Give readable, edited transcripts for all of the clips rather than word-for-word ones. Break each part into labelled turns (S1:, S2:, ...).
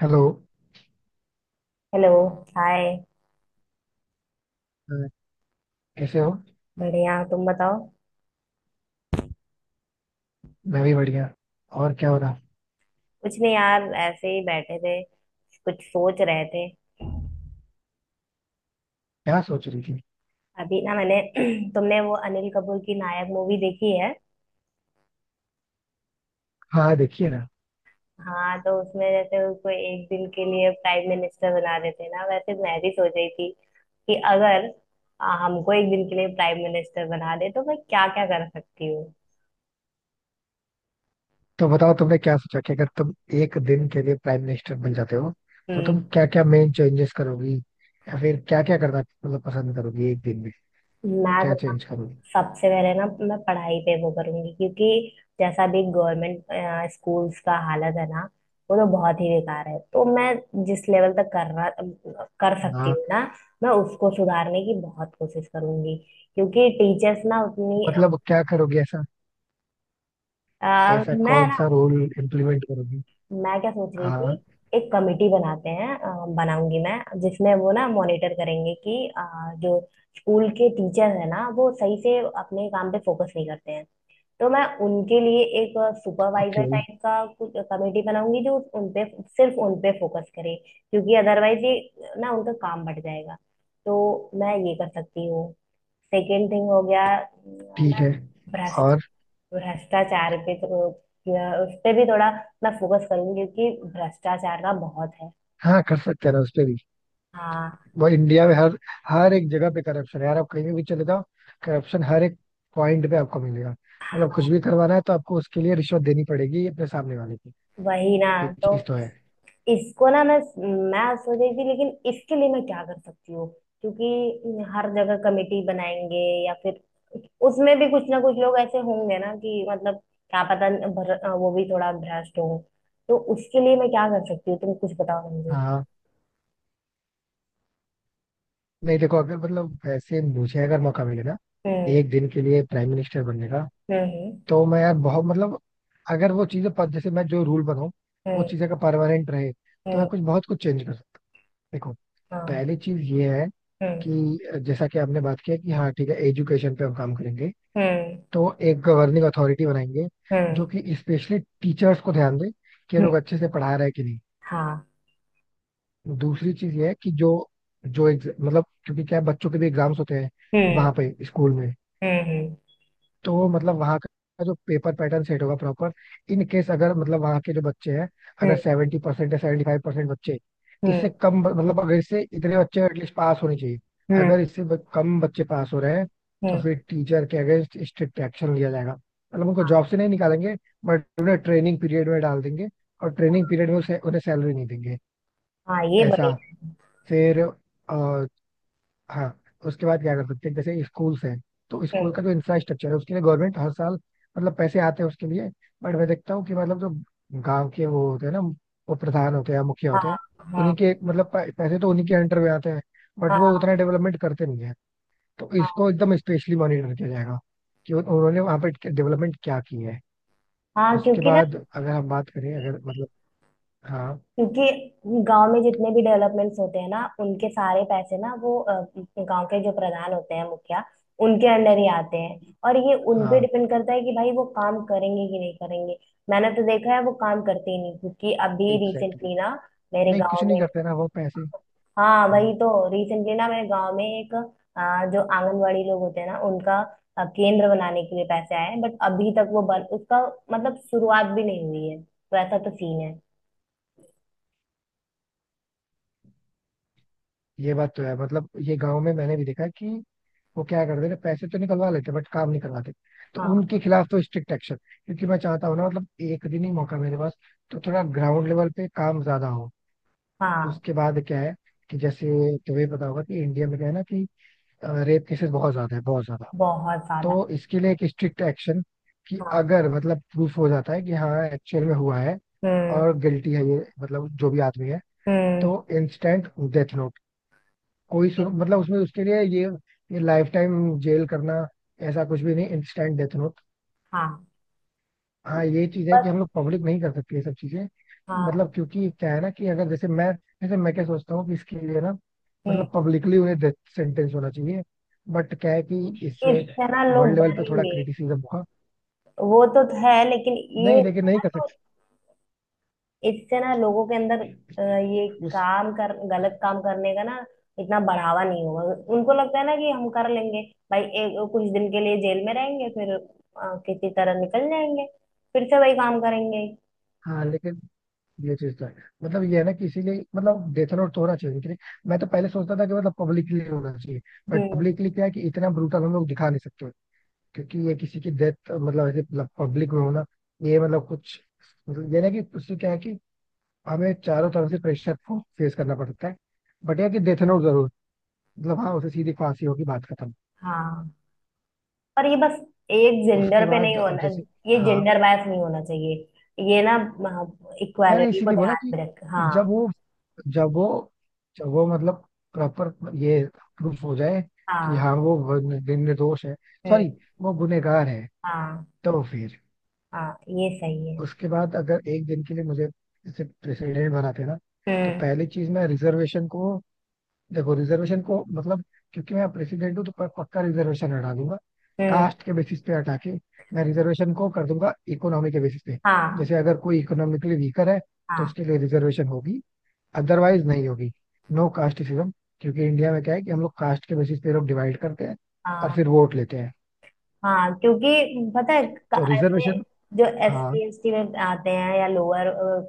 S1: Hello.
S2: Hello. Hi.
S1: अ, कैसे हो?
S2: बढ़िया, तुम बताओ।
S1: मैं भी बढ़िया। और क्या हो रहा?
S2: कुछ नहीं यार, ऐसे ही बैठे थे। कुछ सोच रहे थे।
S1: क्या सोच रही थी?
S2: अभी ना मैंने तुमने वो अनिल कपूर की नायक मूवी देखी है?
S1: हाँ, देखिए ना।
S2: हाँ, तो उसमें जैसे उसको एक दिन के लिए प्राइम मिनिस्टर बना देते हैं ना, वैसे मैं भी सोच रही थी कि अगर हमको एक दिन के लिए प्राइम मिनिस्टर बना दे तो मैं क्या क्या कर सकती हूँ।
S1: तो बताओ, तुमने क्या सोचा कि अगर तुम एक दिन के लिए प्राइम मिनिस्टर बन जाते हो तो तुम
S2: हम्म।
S1: क्या क्या मेन चेंजेस करोगी? या फिर क्या क्या करना मतलब पसंद करोगी एक दिन में?
S2: मैं
S1: क्या चेंज करोगी?
S2: सबसे पहले ना, मैं पढ़ाई पे वो करूंगी, क्योंकि जैसा भी गवर्नमेंट स्कूल्स का हालत है ना, वो तो बहुत ही बेकार है। तो मैं जिस लेवल तक कर सकती
S1: हाँ।
S2: हूँ ना, मैं उसको सुधारने की बहुत कोशिश करूंगी, क्योंकि टीचर्स ना उतनी।
S1: मतलब क्या करोगी ऐसा? ऐसा
S2: मैं
S1: कौन
S2: ना,
S1: सा रूल इम्प्लीमेंट करोगी?
S2: मैं क्या सोच रही थी।
S1: हाँ।
S2: एक कमेटी बनाऊंगी मैं, जिसमें वो ना मॉनिटर करेंगे कि जो स्कूल के टीचर है ना, वो सही से अपने काम पे फोकस नहीं करते हैं। तो मैं उनके लिए एक
S1: ओके।
S2: सुपरवाइजर टाइप का कुछ कमेटी बनाऊंगी, जो उन पे सिर्फ उन पे फोकस करे, क्योंकि अदरवाइज ये ना उनका काम बढ़ जाएगा। तो मैं ये कर सकती हूँ। सेकेंड थिंग हो गया,
S1: ठीक
S2: मैं
S1: है।
S2: भ्रष्ट
S1: और?
S2: भ्रष्टाचार पे या उस पे भी थोड़ा मैं फोकस करूंगी, क्योंकि भ्रष्टाचार का बहुत है।
S1: हाँ, कर सकते हैं ना उस पे भी।
S2: हाँ,
S1: वो इंडिया में हर हर एक जगह पे करप्शन है यार, आप कहीं भी चले जाओ, करप्शन हर एक पॉइंट पे आपको मिलेगा। मतलब कुछ भी करवाना है तो आपको उसके लिए रिश्वत देनी पड़ेगी अपने सामने वाले की।
S2: वही ना।
S1: ये
S2: तो
S1: चीज तो है।
S2: इसको ना, मैं सोच रही थी, लेकिन इसके लिए मैं क्या कर सकती हूँ। क्योंकि हर जगह कमेटी बनाएंगे या फिर उसमें भी कुछ ना कुछ लोग ऐसे होंगे ना कि मतलब क्या पता वो भी थोड़ा भ्रष्ट हो। तो उसके लिए मैं क्या कर सकती हूँ, तुम कुछ बताओ मुझे।
S1: हाँ, नहीं देखो, अगर मतलब वैसे मुझे अगर मौका मिले ना
S2: हम्म।
S1: एक दिन के लिए प्राइम मिनिस्टर बनने का,
S2: हम्म।
S1: तो मैं यार बहुत मतलब अगर वो चीजें पद जैसे मैं जो रूल बनाऊं वो
S2: हम्म।
S1: चीजें का परमानेंट रहे तो मैं
S2: हम्म।
S1: कुछ बहुत कुछ चेंज कर सकता। देखो।
S2: हाँ।
S1: पहली चीज ये है
S2: हम्म।
S1: कि जैसा कि आपने बात किया कि हाँ ठीक है, एजुकेशन पे हम काम करेंगे।
S2: हम्म।
S1: तो एक गवर्निंग अथॉरिटी बनाएंगे
S2: हम्म।
S1: जो कि स्पेशली टीचर्स को ध्यान दे कि ये लोग
S2: हम्म।
S1: अच्छे से पढ़ा रहे हैं कि नहीं।
S2: हाँ।
S1: दूसरी चीज ये है कि जो जो एग्ज- मतलब क्योंकि क्या है, बच्चों के भी एग्जाम्स होते हैं
S2: हम्म।
S1: वहां पे स्कूल में।
S2: हम्म।
S1: तो मतलब वहाँ का जो पेपर पैटर्न सेट होगा प्रॉपर। इन केस अगर मतलब वहाँ के जो बच्चे हैं,
S2: हम्म।
S1: अगर 70% या 75% बच्चे
S2: हम्म।
S1: मतलब अगर इससे इतने बच्चे एटलीस्ट पास होने चाहिए, अगर
S2: हम्म।
S1: इससे कम बच्चे पास हो रहे हैं तो
S2: हम्म।
S1: फिर टीचर के अगेंस्ट स्ट्रिक्ट एक्शन लिया जाएगा। मतलब उनको जॉब से नहीं निकालेंगे, बट उन्हें ट्रेनिंग पीरियड में डाल देंगे, और ट्रेनिंग पीरियड में उसे उन्हें सैलरी नहीं देंगे,
S2: हाँ, ये
S1: ऐसा।
S2: बनेगा।
S1: फिर, हाँ। उसके बाद क्या कर सकते हैं? जैसे स्कूल्स हैं, तो स्कूल
S2: हम्म।
S1: का जो इंफ्रास्ट्रक्चर है उसके लिए गवर्नमेंट हर साल मतलब पैसे आते हैं उसके लिए। बट मैं देखता हूँ कि मतलब जो गांव के वो होते हैं ना, वो प्रधान होते हैं या मुखिया होते
S2: हाँ।
S1: हैं,
S2: हाँ।
S1: उन्हीं के मतलब पैसे तो उन्हीं के अंडर में आते हैं, बट वो
S2: हाँ।
S1: उतना डेवलपमेंट करते नहीं है। तो
S2: हाँ।
S1: इसको एकदम स्पेशली मॉनिटर किया जाएगा कि उन्होंने वहाँ पे डेवलपमेंट क्या की है।
S2: हाँ।
S1: उसके
S2: क्योंकि ना
S1: बाद अगर हम बात करें, अगर मतलब हाँ।
S2: क्योंकि गांव में जितने भी डेवलपमेंट्स होते हैं ना, उनके सारे पैसे ना वो गांव के जो प्रधान होते हैं, मुखिया, उनके अंडर ही आते हैं। और ये उन पे
S1: हाँ,
S2: डिपेंड करता है कि भाई वो काम करेंगे कि नहीं करेंगे। मैंने तो देखा है वो काम करते ही नहीं, क्योंकि अभी
S1: एग्जैक्टली।
S2: रिसेंटली ना मेरे
S1: नहीं कुछ
S2: गांव
S1: नहीं
S2: में।
S1: करते ना वो पैसे।
S2: हाँ,
S1: हाँ,
S2: वही तो रिसेंटली ना मेरे गांव में एक जो आंगनवाड़ी लोग होते हैं ना उनका केंद्र बनाने के लिए पैसे आए हैं, बट अभी तक वो बन उसका मतलब शुरुआत भी नहीं हुई है, तो ऐसा तो सीन है।
S1: ये बात तो है, मतलब ये गांव में मैंने भी देखा है कि वो क्या करते ना, पैसे तो निकलवा लेते बट काम नहीं करवाते। तो
S2: हाँ।
S1: उनके खिलाफ तो स्ट्रिक्ट एक्शन, क्योंकि मैं चाहता हूँ ना मतलब एक दिन ही मौका मेरे पास, तो थोड़ा ग्राउंड लेवल पे काम ज्यादा हो।
S2: हाँ।
S1: उसके बाद क्या है कि जैसे तुम्हें पता होगा कि इंडिया में क्या है ना कि रेप केसेस बहुत ज्यादा है, बहुत ज्यादा।
S2: बहुत ज्यादा।
S1: तो इसके लिए एक स्ट्रिक्ट एक्शन कि
S2: हाँ।
S1: अगर मतलब प्रूफ हो जाता है कि हाँ एक्चुअल में हुआ है
S2: हम्म।
S1: और गिल्टी है ये मतलब जो भी आदमी है,
S2: हम्म।
S1: तो इंस्टेंट डेथ। कोई सुन, मतलब उसमें उसके लिए ये, लाइफ टाइम जेल करना ऐसा कुछ भी नहीं, इंस्टेंट डेथ नोट।
S2: हाँ।
S1: हाँ, ये चीज है कि
S2: बस।
S1: हम लोग पब्लिक नहीं कर सकते ये सब चीजें।
S2: हाँ।
S1: मतलब क्योंकि क्या है ना कि अगर जैसे मैं क्या सोचता हूँ कि इसके लिए ना
S2: हम्म,
S1: मतलब पब्लिकली उन्हें डेथ सेंटेंस होना चाहिए। बट क्या है कि इससे
S2: इससे ना
S1: वर्ल्ड
S2: लोग
S1: लेवल पे थोड़ा
S2: डरेंगे।
S1: क्रिटिसिज्म हुआ,
S2: वो तो है, लेकिन ये है
S1: नहीं लेकिन नहीं
S2: ना,
S1: कर
S2: तो इससे ना लोगों के अंदर
S1: सकते
S2: अ, ये
S1: उस।
S2: काम कर गलत काम करने का ना इतना बढ़ावा नहीं होगा। उनको लगता है ना कि हम कर लेंगे, भाई एक कुछ दिन के लिए जेल में रहेंगे, फिर किसी तरह निकल जाएंगे, फिर से वही काम करेंगे।
S1: हाँ लेकिन ये चीज तो है, मतलब ये है ना कि इसीलिए मतलब डेथ नोट तो होना चाहिए उनके लिए। मैं तो पहले सोचता था कि मतलब पब्लिकली होना चाहिए, बट
S2: हम्म।
S1: पब्लिकली क्या है कि इतना ब्रूटल हम लोग दिखा नहीं सकते, क्योंकि ये किसी की डेथ मतलब ऐसे पब्लिक में होना, ये मतलब कुछ, मतलब ये ना कि उससे क्या है कि हमें चारों तरफ से प्रेशर को फेस करना पड़ता है। बट यह कि डेथ नोट जरूर, मतलब हाँ, उसे सीधी फांसी होगी, बात खत्म।
S2: हाँ, पर ये बस एक जेंडर
S1: उसके
S2: पे नहीं
S1: बाद अब
S2: होना।
S1: जैसे,
S2: ये
S1: हाँ
S2: जेंडर बायस नहीं होना चाहिए ये ना,
S1: मैंने
S2: इक्वालिटी को
S1: इसीलिए बोला
S2: ध्यान
S1: कि
S2: में रख। हाँ।
S1: जब वो जब वो जब वो मतलब प्रॉपर ये प्रूफ हो जाए कि
S2: हाँ।
S1: हाँ वो दिन निर्दोष है,
S2: हम्म।
S1: सॉरी, वो गुनहगार है,
S2: हाँ।
S1: तो फिर।
S2: हाँ, ये सही है।
S1: उसके बाद अगर एक दिन के लिए मुझे जैसे प्रेसिडेंट बनाते ना, तो
S2: हम्म।
S1: पहली चीज मैं रिजर्वेशन को, देखो रिजर्वेशन को मतलब, क्योंकि मैं प्रेसिडेंट हूँ तो पक्का रिजर्वेशन हटा दूंगा।
S2: हम्म।
S1: कास्ट के बेसिस पे हटा के मैं रिजर्वेशन को कर दूंगा इकोनॉमी के बेसिस पे।
S2: हाँ।
S1: जैसे अगर कोई इकोनॉमिकली वीकर है तो
S2: हाँ।
S1: उसके लिए रिजर्वेशन होगी, अदरवाइज नहीं होगी। No casteism. क्योंकि इंडिया में क्या है कि हम लोग कास्ट के बेसिस पे लोग डिवाइड करते हैं और
S2: हाँ।
S1: फिर वोट लेते हैं।
S2: हाँ। क्योंकि पता है,
S1: तो
S2: ऐसे
S1: रिजर्वेशन।
S2: जो एस
S1: हाँ,
S2: सी एस टी में आते हैं या लोअर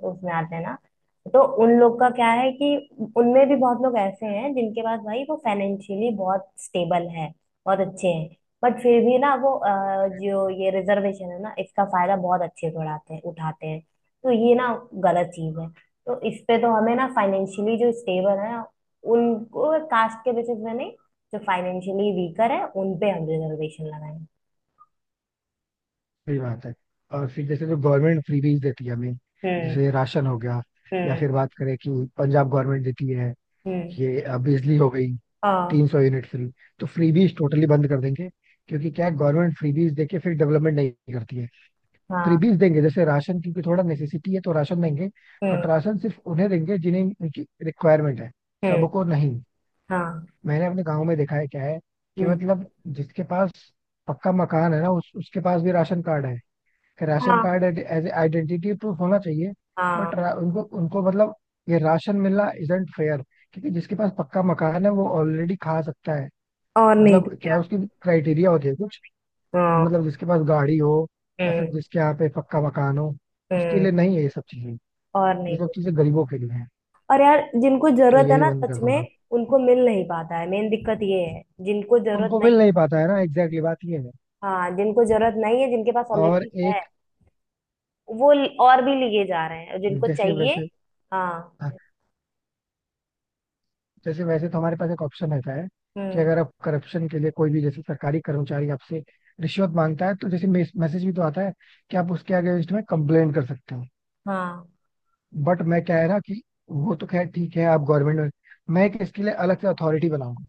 S2: उसमें आते हैं ना, तो उन लोग का क्या है कि उनमें भी बहुत लोग ऐसे हैं जिनके पास भाई वो फाइनेंशियली बहुत स्टेबल है, बहुत अच्छे हैं, बट फिर भी ना वो जो
S1: exactly.
S2: ये रिजर्वेशन है ना, इसका फायदा बहुत अच्छे से उड़ाते हैं उठाते हैं। तो ये ना गलत चीज है। तो इस पे तो हमें ना फाइनेंशियली जो स्टेबल है उनको कास्ट के बेसिस में नहीं, जो फाइनेंशियली वीकर है उन पे हम रिजर्वेशन लगाएं।
S1: सही बात है। और फिर जैसे जो गवर्नमेंट फ्रीबीज देती है हमें,
S2: हम्म।
S1: जैसे राशन हो गया, या
S2: हम्म।
S1: फिर बात करें कि पंजाब गवर्नमेंट देती है,
S2: हम्म।
S1: ये बिजली हो गई,
S2: हाँ।
S1: 300 यूनिट फ्री, तो फ्रीबीज टोटली बंद कर देंगे। क्योंकि क्या है, गवर्नमेंट फ्रीबीज देके फिर डेवलपमेंट नहीं करती है।
S2: हाँ।
S1: फ्रीबीज देंगे जैसे राशन, क्योंकि थोड़ा नेसेसिटी है तो राशन देंगे, बट
S2: हम्म।
S1: राशन सिर्फ उन्हें देंगे जिन्हें उनकी रिक्वायरमेंट है,
S2: हम्म।
S1: सबको नहीं।
S2: हाँ।
S1: मैंने अपने गांव में देखा है क्या है कि
S2: हम्म,
S1: मतलब जिसके पास पक्का मकान है ना उसके पास भी राशन कार्ड है, कि राशन
S2: हाँ।
S1: कार्ड एज आइडेंटिटी प्रूफ होना चाहिए। बट
S2: हाँ।
S1: उनको उनको मतलब ये राशन मिलना इजंट फेयर, क्योंकि जिसके पास पक्का मकान है वो ऑलरेडी खा सकता है।
S2: और नहीं तो
S1: मतलब क्या है,
S2: क्या।
S1: उसकी क्राइटेरिया होती है कुछ,
S2: हाँ।
S1: मतलब जिसके पास गाड़ी हो या फिर
S2: हम्म।
S1: जिसके यहाँ पे पक्का मकान हो, उसके
S2: हम्म।
S1: लिए नहीं है ये सब चीजें।
S2: और
S1: ये
S2: नहीं
S1: सब
S2: तो क्या।
S1: चीजें गरीबों के लिए है।
S2: और यार जिनको
S1: तो
S2: जरूरत
S1: ये
S2: है
S1: भी
S2: ना
S1: बंद
S2: सच
S1: कर दूंगा।
S2: में, उनको मिल नहीं पाता है, मेन दिक्कत ये है, जिनको जरूरत
S1: उनको मिल
S2: नहीं।
S1: नहीं पाता है ना, एग्जैक्टली बात ये है।
S2: हाँ, जिनको जरूरत नहीं है, जिनके पास
S1: और
S2: ऑलरेडी है
S1: एक,
S2: वो और भी लिए जा रहे हैं, और जिनको
S1: जैसे
S2: चाहिए।
S1: वैसे,
S2: हाँ।
S1: हाँ, जैसे वैसे तो हमारे पास एक ऑप्शन रहता है कि
S2: हम्म।
S1: अगर आप करप्शन के लिए कोई भी जैसे सरकारी कर्मचारी आपसे रिश्वत मांगता है, तो जैसे मैसेज भी तो आता है कि आप उसके अगेंस्ट में कंप्लेन कर सकते हो।
S2: हाँ।
S1: बट मैं क्या है ना कि वो तो खैर ठीक है, आप गवर्नमेंट में, मैं एक इसके लिए अलग से अथॉरिटी बनाऊंगा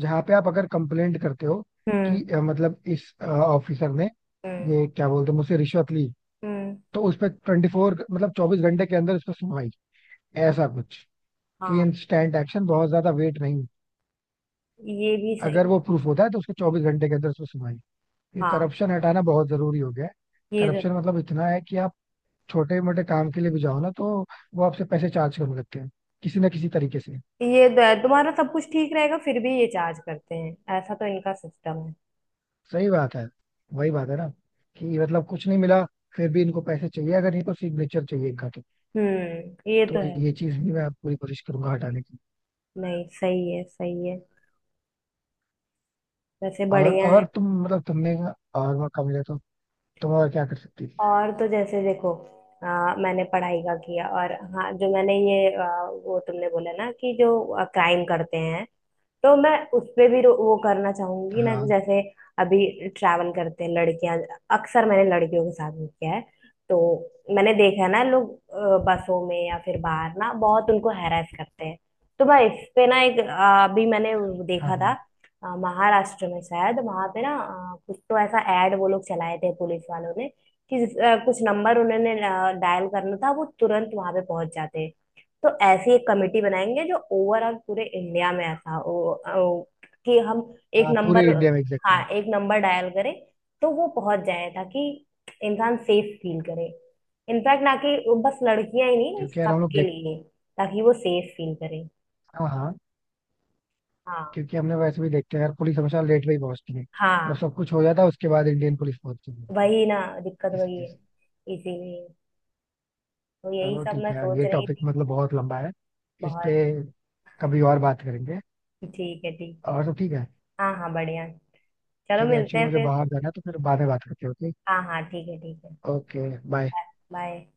S1: जहाँ पे आप अगर कंप्लेंट करते हो
S2: हम्म।
S1: कि मतलब इस ऑफिसर ने
S2: हम्म।
S1: ये क्या बोलते हैं मुझसे रिश्वत ली,
S2: हम्म।
S1: तो उस पर 24 मतलब 24 घंटे के अंदर उस पर सुनवाई, ऐसा कुछ, कि
S2: हाँ,
S1: इंस्टेंट एक्शन, बहुत ज्यादा वेट नहीं।
S2: ये भी
S1: अगर
S2: सही।
S1: वो प्रूफ होता है तो उसके 24 घंटे के अंदर उस पर सुनवाई। ये
S2: हाँ,
S1: करप्शन हटाना बहुत जरूरी हो गया है।
S2: ये तो
S1: करप्शन मतलब इतना है कि आप छोटे मोटे काम के लिए भी जाओ ना, तो वो आपसे पैसे चार्ज करने लगते हैं, किसी ना किसी तरीके से।
S2: तुम्हारा सब कुछ ठीक रहेगा फिर भी ये चार्ज करते हैं, ऐसा तो इनका सिस्टम है।
S1: सही बात है, वही बात है ना कि मतलब कुछ नहीं मिला, फिर भी इनको पैसे चाहिए अगर नहीं तो सिग्नेचर चाहिए इनका, तो
S2: हम्म, ये तो
S1: तो
S2: है।
S1: ये चीज भी मैं पूरी कोशिश करूंगा हटाने की।
S2: नहीं, सही है, सही है। वैसे
S1: और
S2: बढ़िया है।
S1: और तुम मतलब तुमने, और मौका मिला तो तुम और क्या कर सकती थी?
S2: और तो जैसे देखो, मैंने पढ़ाई का किया, और हाँ, जो मैंने ये आ, वो तुमने बोला ना कि जो क्राइम करते हैं, तो मैं उस पे भी वो करना चाहूंगी ना,
S1: हाँ।
S2: जैसे अभी ट्रैवल करते हैं लड़कियां, अक्सर मैंने लड़कियों के साथ भी किया है। तो मैंने देखा है ना, लोग बसों में या फिर बाहर ना बहुत उनको हैरेस करते हैं। तो मैं इस पे ना अभी मैंने वो
S1: हाँ।
S2: देखा था
S1: हाँ,
S2: अ, महाराष्ट्र में शायद वहां पे ना, कुछ तो ऐसा ऐड वो लोग चलाए थे पुलिस वालों ने कि कुछ नंबर उन्होंने डायल करना था, वो तुरंत वहां पे पहुंच जाते। तो ऐसी एक कमेटी बनाएंगे जो ओवरऑल पूरे इंडिया में ऐसा हो, कि हम एक
S1: हाँ
S2: नंबर,
S1: पूरे इंडिया में,
S2: हाँ,
S1: एग्जैक्टली।
S2: एक नंबर डायल करें, तो वो पहुंच जाए, ताकि इंसान सेफ फील करे। इनफैक्ट ना कि वो बस लड़कियां ही नहीं, भाई
S1: क्योंकि यार हम लोग
S2: सबके
S1: देख,
S2: लिए, ताकि वो सेफ फील करे।
S1: हाँ, हाँ,
S2: हाँ।
S1: क्योंकि हमने वैसे भी देखते हैं यार पुलिस हमेशा लेट में ही पहुंचती है। जब
S2: हाँ।
S1: सब कुछ हो जाता है उसके बाद इंडियन पुलिस पहुंचती है,
S2: वही ना। दिक्कत
S1: इस
S2: वही
S1: वजह
S2: है,
S1: से।
S2: इसीलिए। तो यही
S1: चलो
S2: सब
S1: ठीक
S2: मैं
S1: है यार,
S2: सोच
S1: ये
S2: रही
S1: टॉपिक
S2: थी।
S1: मतलब बहुत लंबा है, इस पे
S2: बहुत।
S1: कभी और बात करेंगे।
S2: ठीक है, ठीक है।
S1: और तो ठीक है।
S2: हाँ, हाँ, बढ़िया। चलो,
S1: ठीक है,
S2: मिलते
S1: एक्चुअली
S2: हैं
S1: मुझे
S2: फिर।
S1: बाहर जाना है तो फिर बाद में बात करते हैं।
S2: हाँ, हाँ, ठीक है, ठीक है।
S1: Okay, okay, bye.
S2: बाय।